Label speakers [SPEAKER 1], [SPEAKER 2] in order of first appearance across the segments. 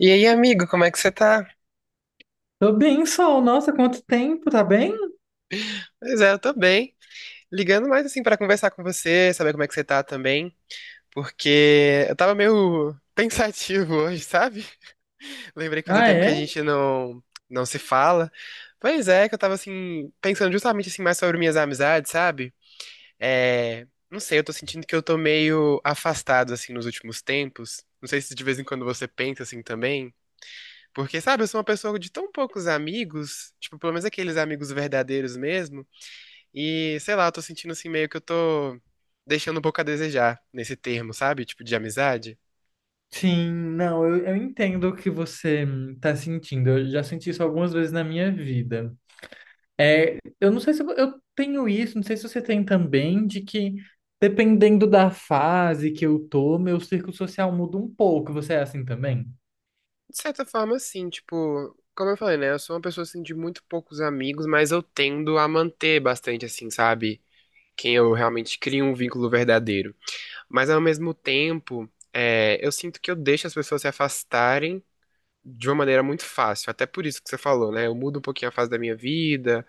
[SPEAKER 1] E aí, amigo, como é que você tá?
[SPEAKER 2] Tô bem, Sol. Nossa, quanto tempo, tá bem?
[SPEAKER 1] Pois é, eu tô bem. Ligando mais assim pra conversar com você, saber como é que você tá também, porque eu tava meio pensativo hoje, sabe? Lembrei que fazia
[SPEAKER 2] Ah,
[SPEAKER 1] tempo que a
[SPEAKER 2] é?
[SPEAKER 1] gente não se fala. Pois é, que eu tava assim pensando justamente assim mais sobre minhas amizades, sabe? É, não sei, eu tô sentindo que eu tô meio afastado assim nos últimos tempos. Não sei se de vez em quando você pensa assim também. Porque, sabe, eu sou uma pessoa de tão poucos amigos, tipo, pelo menos aqueles amigos verdadeiros mesmo. E, sei lá, eu tô sentindo assim meio que eu tô deixando um pouco a desejar nesse termo, sabe? Tipo, de amizade.
[SPEAKER 2] Sim, não, eu entendo o que você tá sentindo. Eu já senti isso algumas vezes na minha vida. É, eu não sei se eu tenho isso, não sei se você tem também, de que dependendo da fase que eu tô, meu círculo social muda um pouco. Você é assim também?
[SPEAKER 1] De certa forma, sim, tipo, como eu falei, né? Eu sou uma pessoa assim de muito poucos amigos, mas eu tendo a manter bastante, assim, sabe? Quem eu realmente crio um vínculo verdadeiro. Mas ao mesmo tempo, é, eu sinto que eu deixo as pessoas se afastarem de uma maneira muito fácil. Até por isso que você falou, né? Eu mudo um pouquinho a fase da minha vida.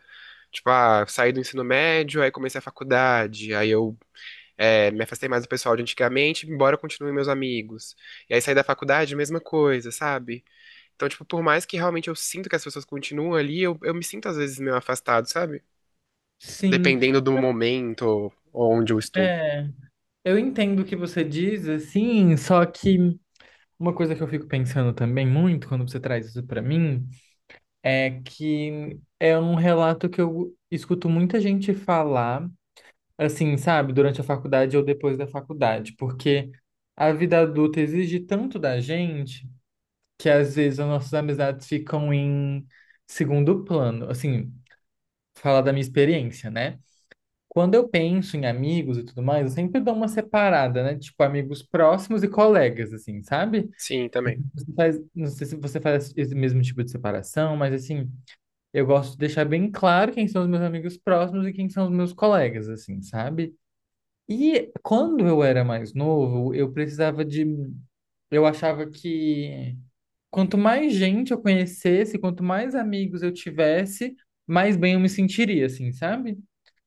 [SPEAKER 1] Tipo, ah, saí do ensino médio, aí comecei a faculdade, aí eu é, me afastei mais do pessoal de antigamente, embora continuem meus amigos. E aí saí da faculdade, mesma coisa, sabe? Então, tipo, por mais que realmente eu sinto que as pessoas continuam ali, eu me sinto às vezes meio afastado, sabe?
[SPEAKER 2] Sim,
[SPEAKER 1] Dependendo do momento onde eu estou.
[SPEAKER 2] é. Eu entendo o que você diz, assim, só que uma coisa que eu fico pensando também muito quando você traz isso pra mim é que é um relato que eu escuto muita gente falar, assim, sabe, durante a faculdade ou depois da faculdade, porque a vida adulta exige tanto da gente que às vezes as nossas amizades ficam em segundo plano. Assim, falar da minha experiência, né? Quando eu penso em amigos e tudo mais, eu sempre dou uma separada, né? Tipo, amigos próximos e colegas, assim, sabe?
[SPEAKER 1] Sim, também.
[SPEAKER 2] Você faz, não sei se você faz esse mesmo tipo de separação, mas assim, eu gosto de deixar bem claro quem são os meus amigos próximos e quem são os meus colegas, assim, sabe? E quando eu era mais novo, eu precisava de. Eu achava que quanto mais gente eu conhecesse, quanto mais amigos eu tivesse, mais bem eu me sentiria, assim, sabe?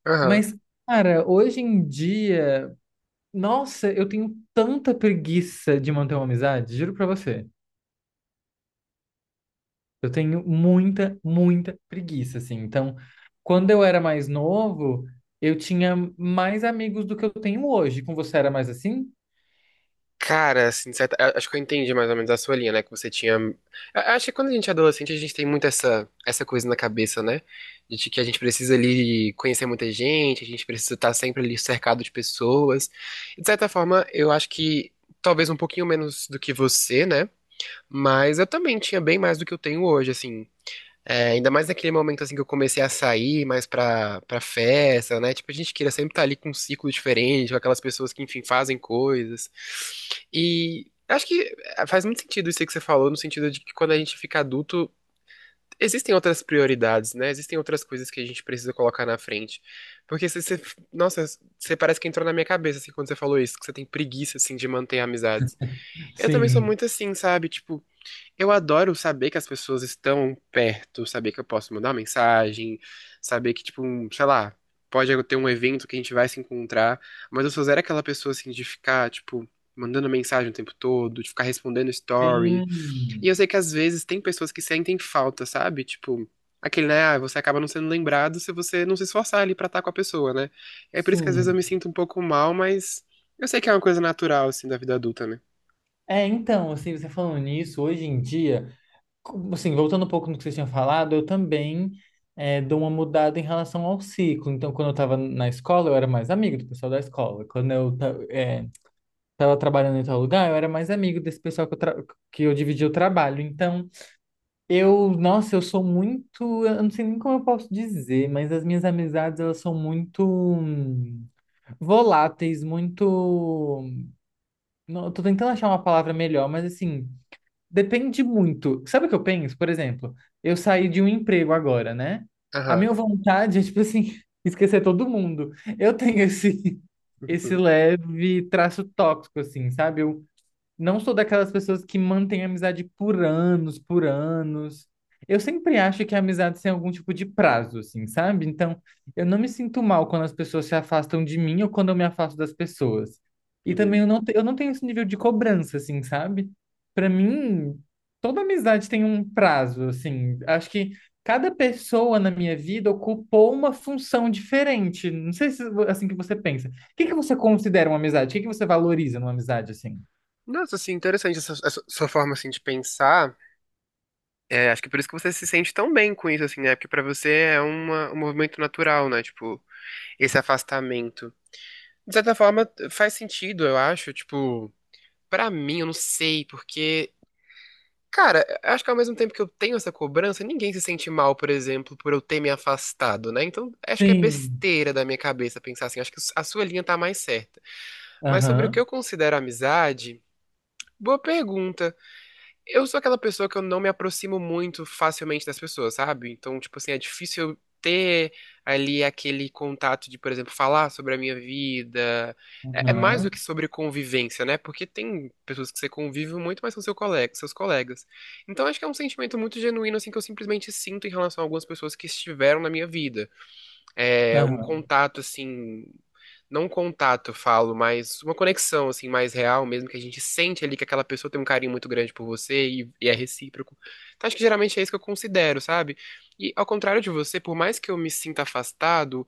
[SPEAKER 1] Aham.
[SPEAKER 2] Mas, cara, hoje em dia, nossa, eu tenho tanta preguiça de manter uma amizade, juro pra você. Eu tenho muita, muita preguiça, assim. Então, quando eu era mais novo, eu tinha mais amigos do que eu tenho hoje. Com você era mais assim?
[SPEAKER 1] Cara, assim, acho que eu entendi mais ou menos a sua linha, né? Que você tinha. Acho que quando a gente é adolescente, a gente tem muito essa coisa na cabeça, né? De que a gente precisa ali conhecer muita gente, a gente precisa estar sempre ali cercado de pessoas. E, de certa forma, eu acho que talvez um pouquinho menos do que você, né? Mas eu também tinha bem mais do que eu tenho hoje, assim. É, ainda mais naquele momento assim que eu comecei a sair mais pra festa, né? Tipo, a gente queria sempre estar ali com um ciclo diferente, com aquelas pessoas que, enfim, fazem coisas. E acho que é, faz muito sentido isso aí que você falou, no sentido de que quando a gente fica adulto, existem outras prioridades, né? Existem outras coisas que a gente precisa colocar na frente. Porque você, você- Nossa, você parece que entrou na minha cabeça, assim, quando você falou isso, que você tem preguiça, assim, de manter amizades. Eu também sou
[SPEAKER 2] Sim.
[SPEAKER 1] muito assim, sabe? Tipo, eu adoro saber que as pessoas estão perto, saber que eu posso mandar uma mensagem, saber que, tipo, um, sei lá, pode ter um evento que a gente vai se encontrar, mas eu sou zero aquela pessoa, assim, de ficar, tipo, mandando mensagem o tempo todo, de ficar respondendo story. E eu
[SPEAKER 2] Sim,
[SPEAKER 1] sei que às vezes tem pessoas que sentem falta, sabe? Tipo, aquele, né, ah, você acaba não sendo lembrado se você não se esforçar ali pra estar com a pessoa, né? É por isso que às vezes eu
[SPEAKER 2] sim.
[SPEAKER 1] me sinto um pouco mal, mas eu sei que é uma coisa natural, assim, da vida adulta, né?
[SPEAKER 2] É, então, assim, você falando nisso, hoje em dia, assim, voltando um pouco no que você tinha falado, eu também, é, dou uma mudada em relação ao ciclo. Então, quando eu estava na escola, eu era mais amigo do pessoal da escola. Quando eu é, tava trabalhando em tal lugar, eu era mais amigo desse pessoal que eu, que eu dividia o trabalho. Então, eu, nossa, eu sou muito, eu não sei nem como eu posso dizer, mas as minhas amizades, elas são muito voláteis, muito, não, eu tô tentando achar uma palavra melhor, mas assim, depende muito. Sabe o que eu penso? Por exemplo, eu saí de um emprego agora, né? A
[SPEAKER 1] Aham.
[SPEAKER 2] minha vontade é, tipo assim, esquecer todo mundo. Eu tenho esse, esse
[SPEAKER 1] Uhum.
[SPEAKER 2] leve traço tóxico, assim, sabe? Eu não sou daquelas pessoas que mantêm amizade por anos, por anos. Eu sempre acho que a amizade tem algum tipo de prazo, assim, sabe? Então, eu não me sinto mal quando as pessoas se afastam de mim ou quando eu me afasto das pessoas. E também
[SPEAKER 1] Uhum.
[SPEAKER 2] eu não, eu não tenho esse nível de cobrança, assim, sabe? Pra mim, toda amizade tem um prazo, assim. Acho que cada pessoa na minha vida ocupou uma função diferente. Não sei se é assim que você pensa. O que que você considera uma amizade? O que que você valoriza numa amizade, assim?
[SPEAKER 1] Nossa, assim, interessante essa sua forma, assim, de pensar. É, acho que por isso que você se sente tão bem com isso, assim, né? Porque pra você é uma, um movimento natural, né? Tipo, esse afastamento. De certa forma, faz sentido, eu acho. Tipo, pra mim, eu não sei, porque... Cara, eu acho que ao mesmo tempo que eu tenho essa cobrança, ninguém se sente mal, por exemplo, por eu ter me afastado, né? Então, acho que é
[SPEAKER 2] Sim.
[SPEAKER 1] besteira da minha cabeça pensar assim. Acho que a sua linha tá mais certa. Mas sobre o que
[SPEAKER 2] Aham.
[SPEAKER 1] eu considero amizade, boa pergunta. Eu sou aquela pessoa que eu não me aproximo muito facilmente das pessoas, sabe? Então, tipo assim, é difícil eu ter ali aquele contato de, por exemplo, falar sobre a minha vida. É, é mais
[SPEAKER 2] Aham.
[SPEAKER 1] do que sobre convivência, né? Porque tem pessoas que você convive muito, mas são seu colega, seus colegas. Então, acho que é um sentimento muito genuíno, assim, que eu simplesmente sinto em relação a algumas pessoas que estiveram na minha vida. É um
[SPEAKER 2] Aham.
[SPEAKER 1] contato, assim, não um contato, eu falo, mas uma conexão, assim, mais real mesmo, que a gente sente ali que aquela pessoa tem um carinho muito grande por você e é recíproco. Então, acho que geralmente é isso que eu considero, sabe? E ao contrário de você, por mais que eu me sinta afastado,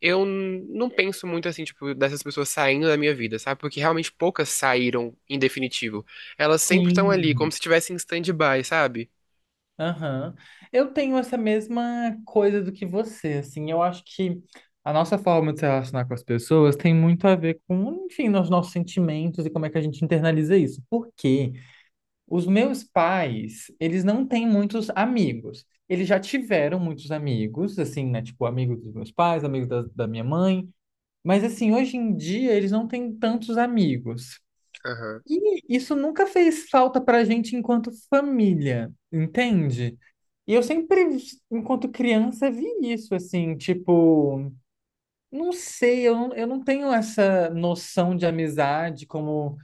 [SPEAKER 1] não penso muito, assim, tipo, dessas pessoas saindo da minha vida, sabe? Porque realmente poucas saíram em definitivo. Elas sempre estão
[SPEAKER 2] Sim.
[SPEAKER 1] ali, como se estivessem em stand-by, sabe?
[SPEAKER 2] Aham. Eu tenho essa mesma coisa do que você, assim. Eu acho que a nossa forma de se relacionar com as pessoas tem muito a ver com, enfim, os nossos sentimentos e como é que a gente internaliza isso. Porque os meus pais, eles não têm muitos amigos. Eles já tiveram muitos amigos, assim, né? Tipo, amigos dos meus pais, amigos da, da minha mãe. Mas, assim, hoje em dia, eles não têm tantos amigos.
[SPEAKER 1] Aham,
[SPEAKER 2] E isso nunca fez falta pra gente enquanto família, entende? E eu sempre, enquanto criança, vi isso, assim, tipo, não sei, eu não tenho essa noção de amizade como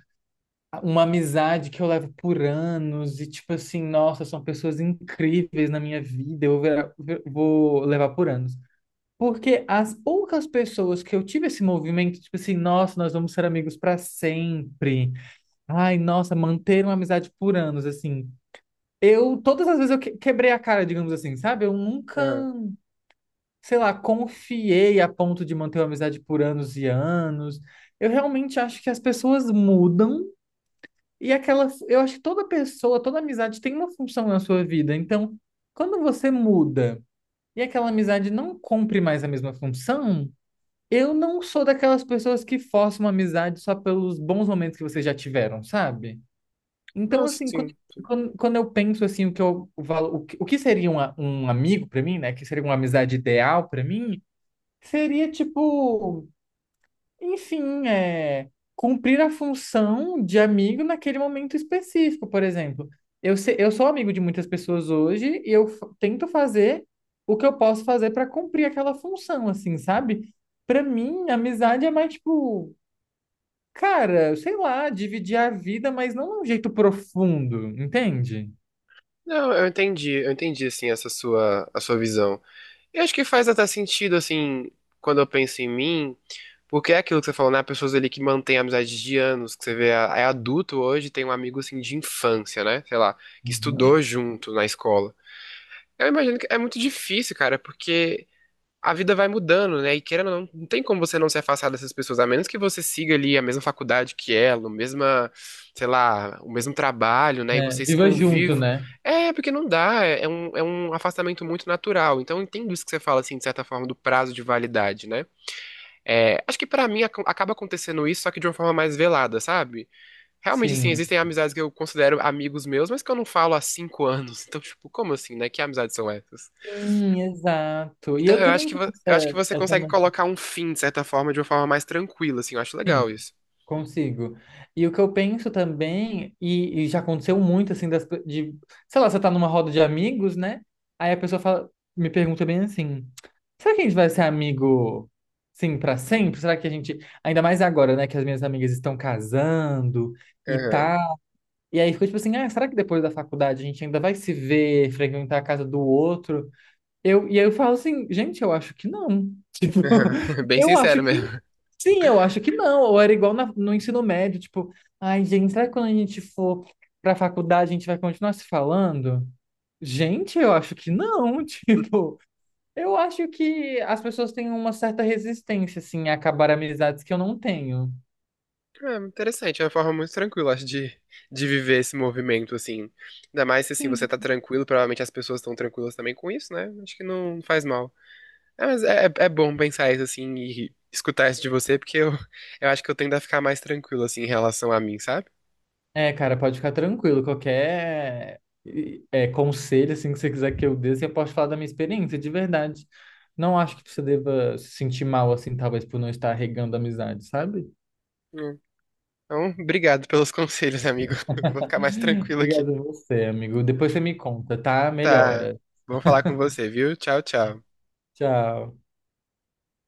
[SPEAKER 2] uma amizade que eu levo por anos e, tipo assim, nossa, são pessoas incríveis na minha vida, eu vou levar por anos. Porque as poucas pessoas que eu tive esse movimento, tipo assim, nossa, nós vamos ser amigos para sempre. Ai, nossa, manter uma amizade por anos, assim. Eu, todas as vezes eu quebrei a cara, digamos assim, sabe? Eu nunca,
[SPEAKER 1] aham.
[SPEAKER 2] sei lá, confiei a ponto de manter uma amizade por anos e anos. Eu realmente acho que as pessoas mudam e aquela, eu acho que toda pessoa, toda amizade tem uma função na sua vida. Então, quando você muda e aquela amizade não cumpre mais a mesma função, eu não sou daquelas pessoas que forçam uma amizade só pelos bons momentos que vocês já tiveram, sabe? Então,
[SPEAKER 1] Não,
[SPEAKER 2] assim,
[SPEAKER 1] sim.
[SPEAKER 2] quando eu penso assim, o que eu o que seria um, um amigo para mim, né? Que seria uma amizade ideal para mim, seria tipo, enfim, é, cumprir a função de amigo naquele momento específico, por exemplo. Eu, eu sou amigo de muitas pessoas hoje e eu tento fazer o que eu posso fazer para cumprir aquela função, assim, sabe? Para mim, amizade é mais tipo, cara, sei lá, dividir a vida, mas não de um jeito profundo, entende?
[SPEAKER 1] Não, eu entendi, assim, a sua visão. Eu acho que faz até sentido, assim, quando eu penso em mim, porque é aquilo que você falou, né? Pessoas ali que mantêm amizades de anos, que você vê, é adulto hoje, tem um amigo, assim, de infância, né? Sei lá, que
[SPEAKER 2] Uhum.
[SPEAKER 1] estudou junto na escola. Eu imagino que é muito difícil, cara, porque a vida vai mudando, né? E querendo ou não, não tem como você não se afastar dessas pessoas, a menos que você siga ali a mesma faculdade que ela, o mesma, sei lá, o mesmo trabalho, né? E
[SPEAKER 2] É,
[SPEAKER 1] vocês
[SPEAKER 2] viva junto,
[SPEAKER 1] convivem.
[SPEAKER 2] né?
[SPEAKER 1] É, porque não dá, é um afastamento muito natural. Então, eu entendo isso que você fala, assim, de certa forma, do prazo de validade, né? É, acho que pra mim acaba acontecendo isso, só que de uma forma mais velada, sabe? Realmente, assim,
[SPEAKER 2] Sim.
[SPEAKER 1] existem amizades que eu considero amigos meus, mas que eu não falo há 5 anos. Então, tipo, como assim, né? Que amizades são essas?
[SPEAKER 2] Sim, exato. E
[SPEAKER 1] Então,
[SPEAKER 2] eu
[SPEAKER 1] eu acho
[SPEAKER 2] também
[SPEAKER 1] que,
[SPEAKER 2] tenho
[SPEAKER 1] eu acho que
[SPEAKER 2] essa,
[SPEAKER 1] você
[SPEAKER 2] essa
[SPEAKER 1] consegue
[SPEAKER 2] noção,
[SPEAKER 1] colocar um fim, de certa forma, de uma forma mais tranquila, assim. Eu acho
[SPEAKER 2] sim,
[SPEAKER 1] legal isso.
[SPEAKER 2] consigo. E o que eu penso também, e já aconteceu muito, assim, sei lá, você tá numa roda de amigos, né? Aí a pessoa fala, me pergunta bem assim, será que a gente vai ser amigo, sim, pra sempre? Será que a gente, ainda mais agora, né, que as minhas amigas estão casando e
[SPEAKER 1] Aham,
[SPEAKER 2] tal. E aí ficou tipo assim, ah, será que depois da faculdade a gente ainda vai se ver, frequentar a casa do outro? Eu, e aí eu falo assim, gente, eu acho que não. Tipo,
[SPEAKER 1] aham. Bem
[SPEAKER 2] eu acho
[SPEAKER 1] sincero
[SPEAKER 2] que
[SPEAKER 1] mesmo.
[SPEAKER 2] sim, eu acho que não. Ou era igual no ensino médio, tipo, ai, gente, será que quando a gente for pra faculdade a gente vai continuar se falando? Gente, eu acho que não. Tipo, eu acho que as pessoas têm uma certa resistência, assim, a acabar amizades que eu não tenho.
[SPEAKER 1] É, interessante, é uma forma muito tranquila, acho, de viver esse movimento, assim. Ainda mais se, assim, você
[SPEAKER 2] Sim.
[SPEAKER 1] tá tranquilo, provavelmente as pessoas estão tranquilas também com isso, né? Acho que não faz mal. É, mas é, é bom pensar isso, assim, e escutar isso de você, porque eu acho que eu tendo a ficar mais tranquilo, assim, em relação a mim, sabe?
[SPEAKER 2] É, cara, pode ficar tranquilo. Qualquer é, conselho assim que você quiser que eu dê, você pode falar da minha experiência, de verdade. Não acho que você deva se sentir mal assim, talvez por não estar regando amizade, sabe?
[SPEAKER 1] Hum. Então, obrigado pelos conselhos, amigo. Eu vou ficar mais tranquilo aqui.
[SPEAKER 2] Obrigado a você, amigo. Depois você me conta, tá?
[SPEAKER 1] Tá.
[SPEAKER 2] Melhora.
[SPEAKER 1] Vou falar com você, viu? Tchau, tchau.
[SPEAKER 2] Tchau.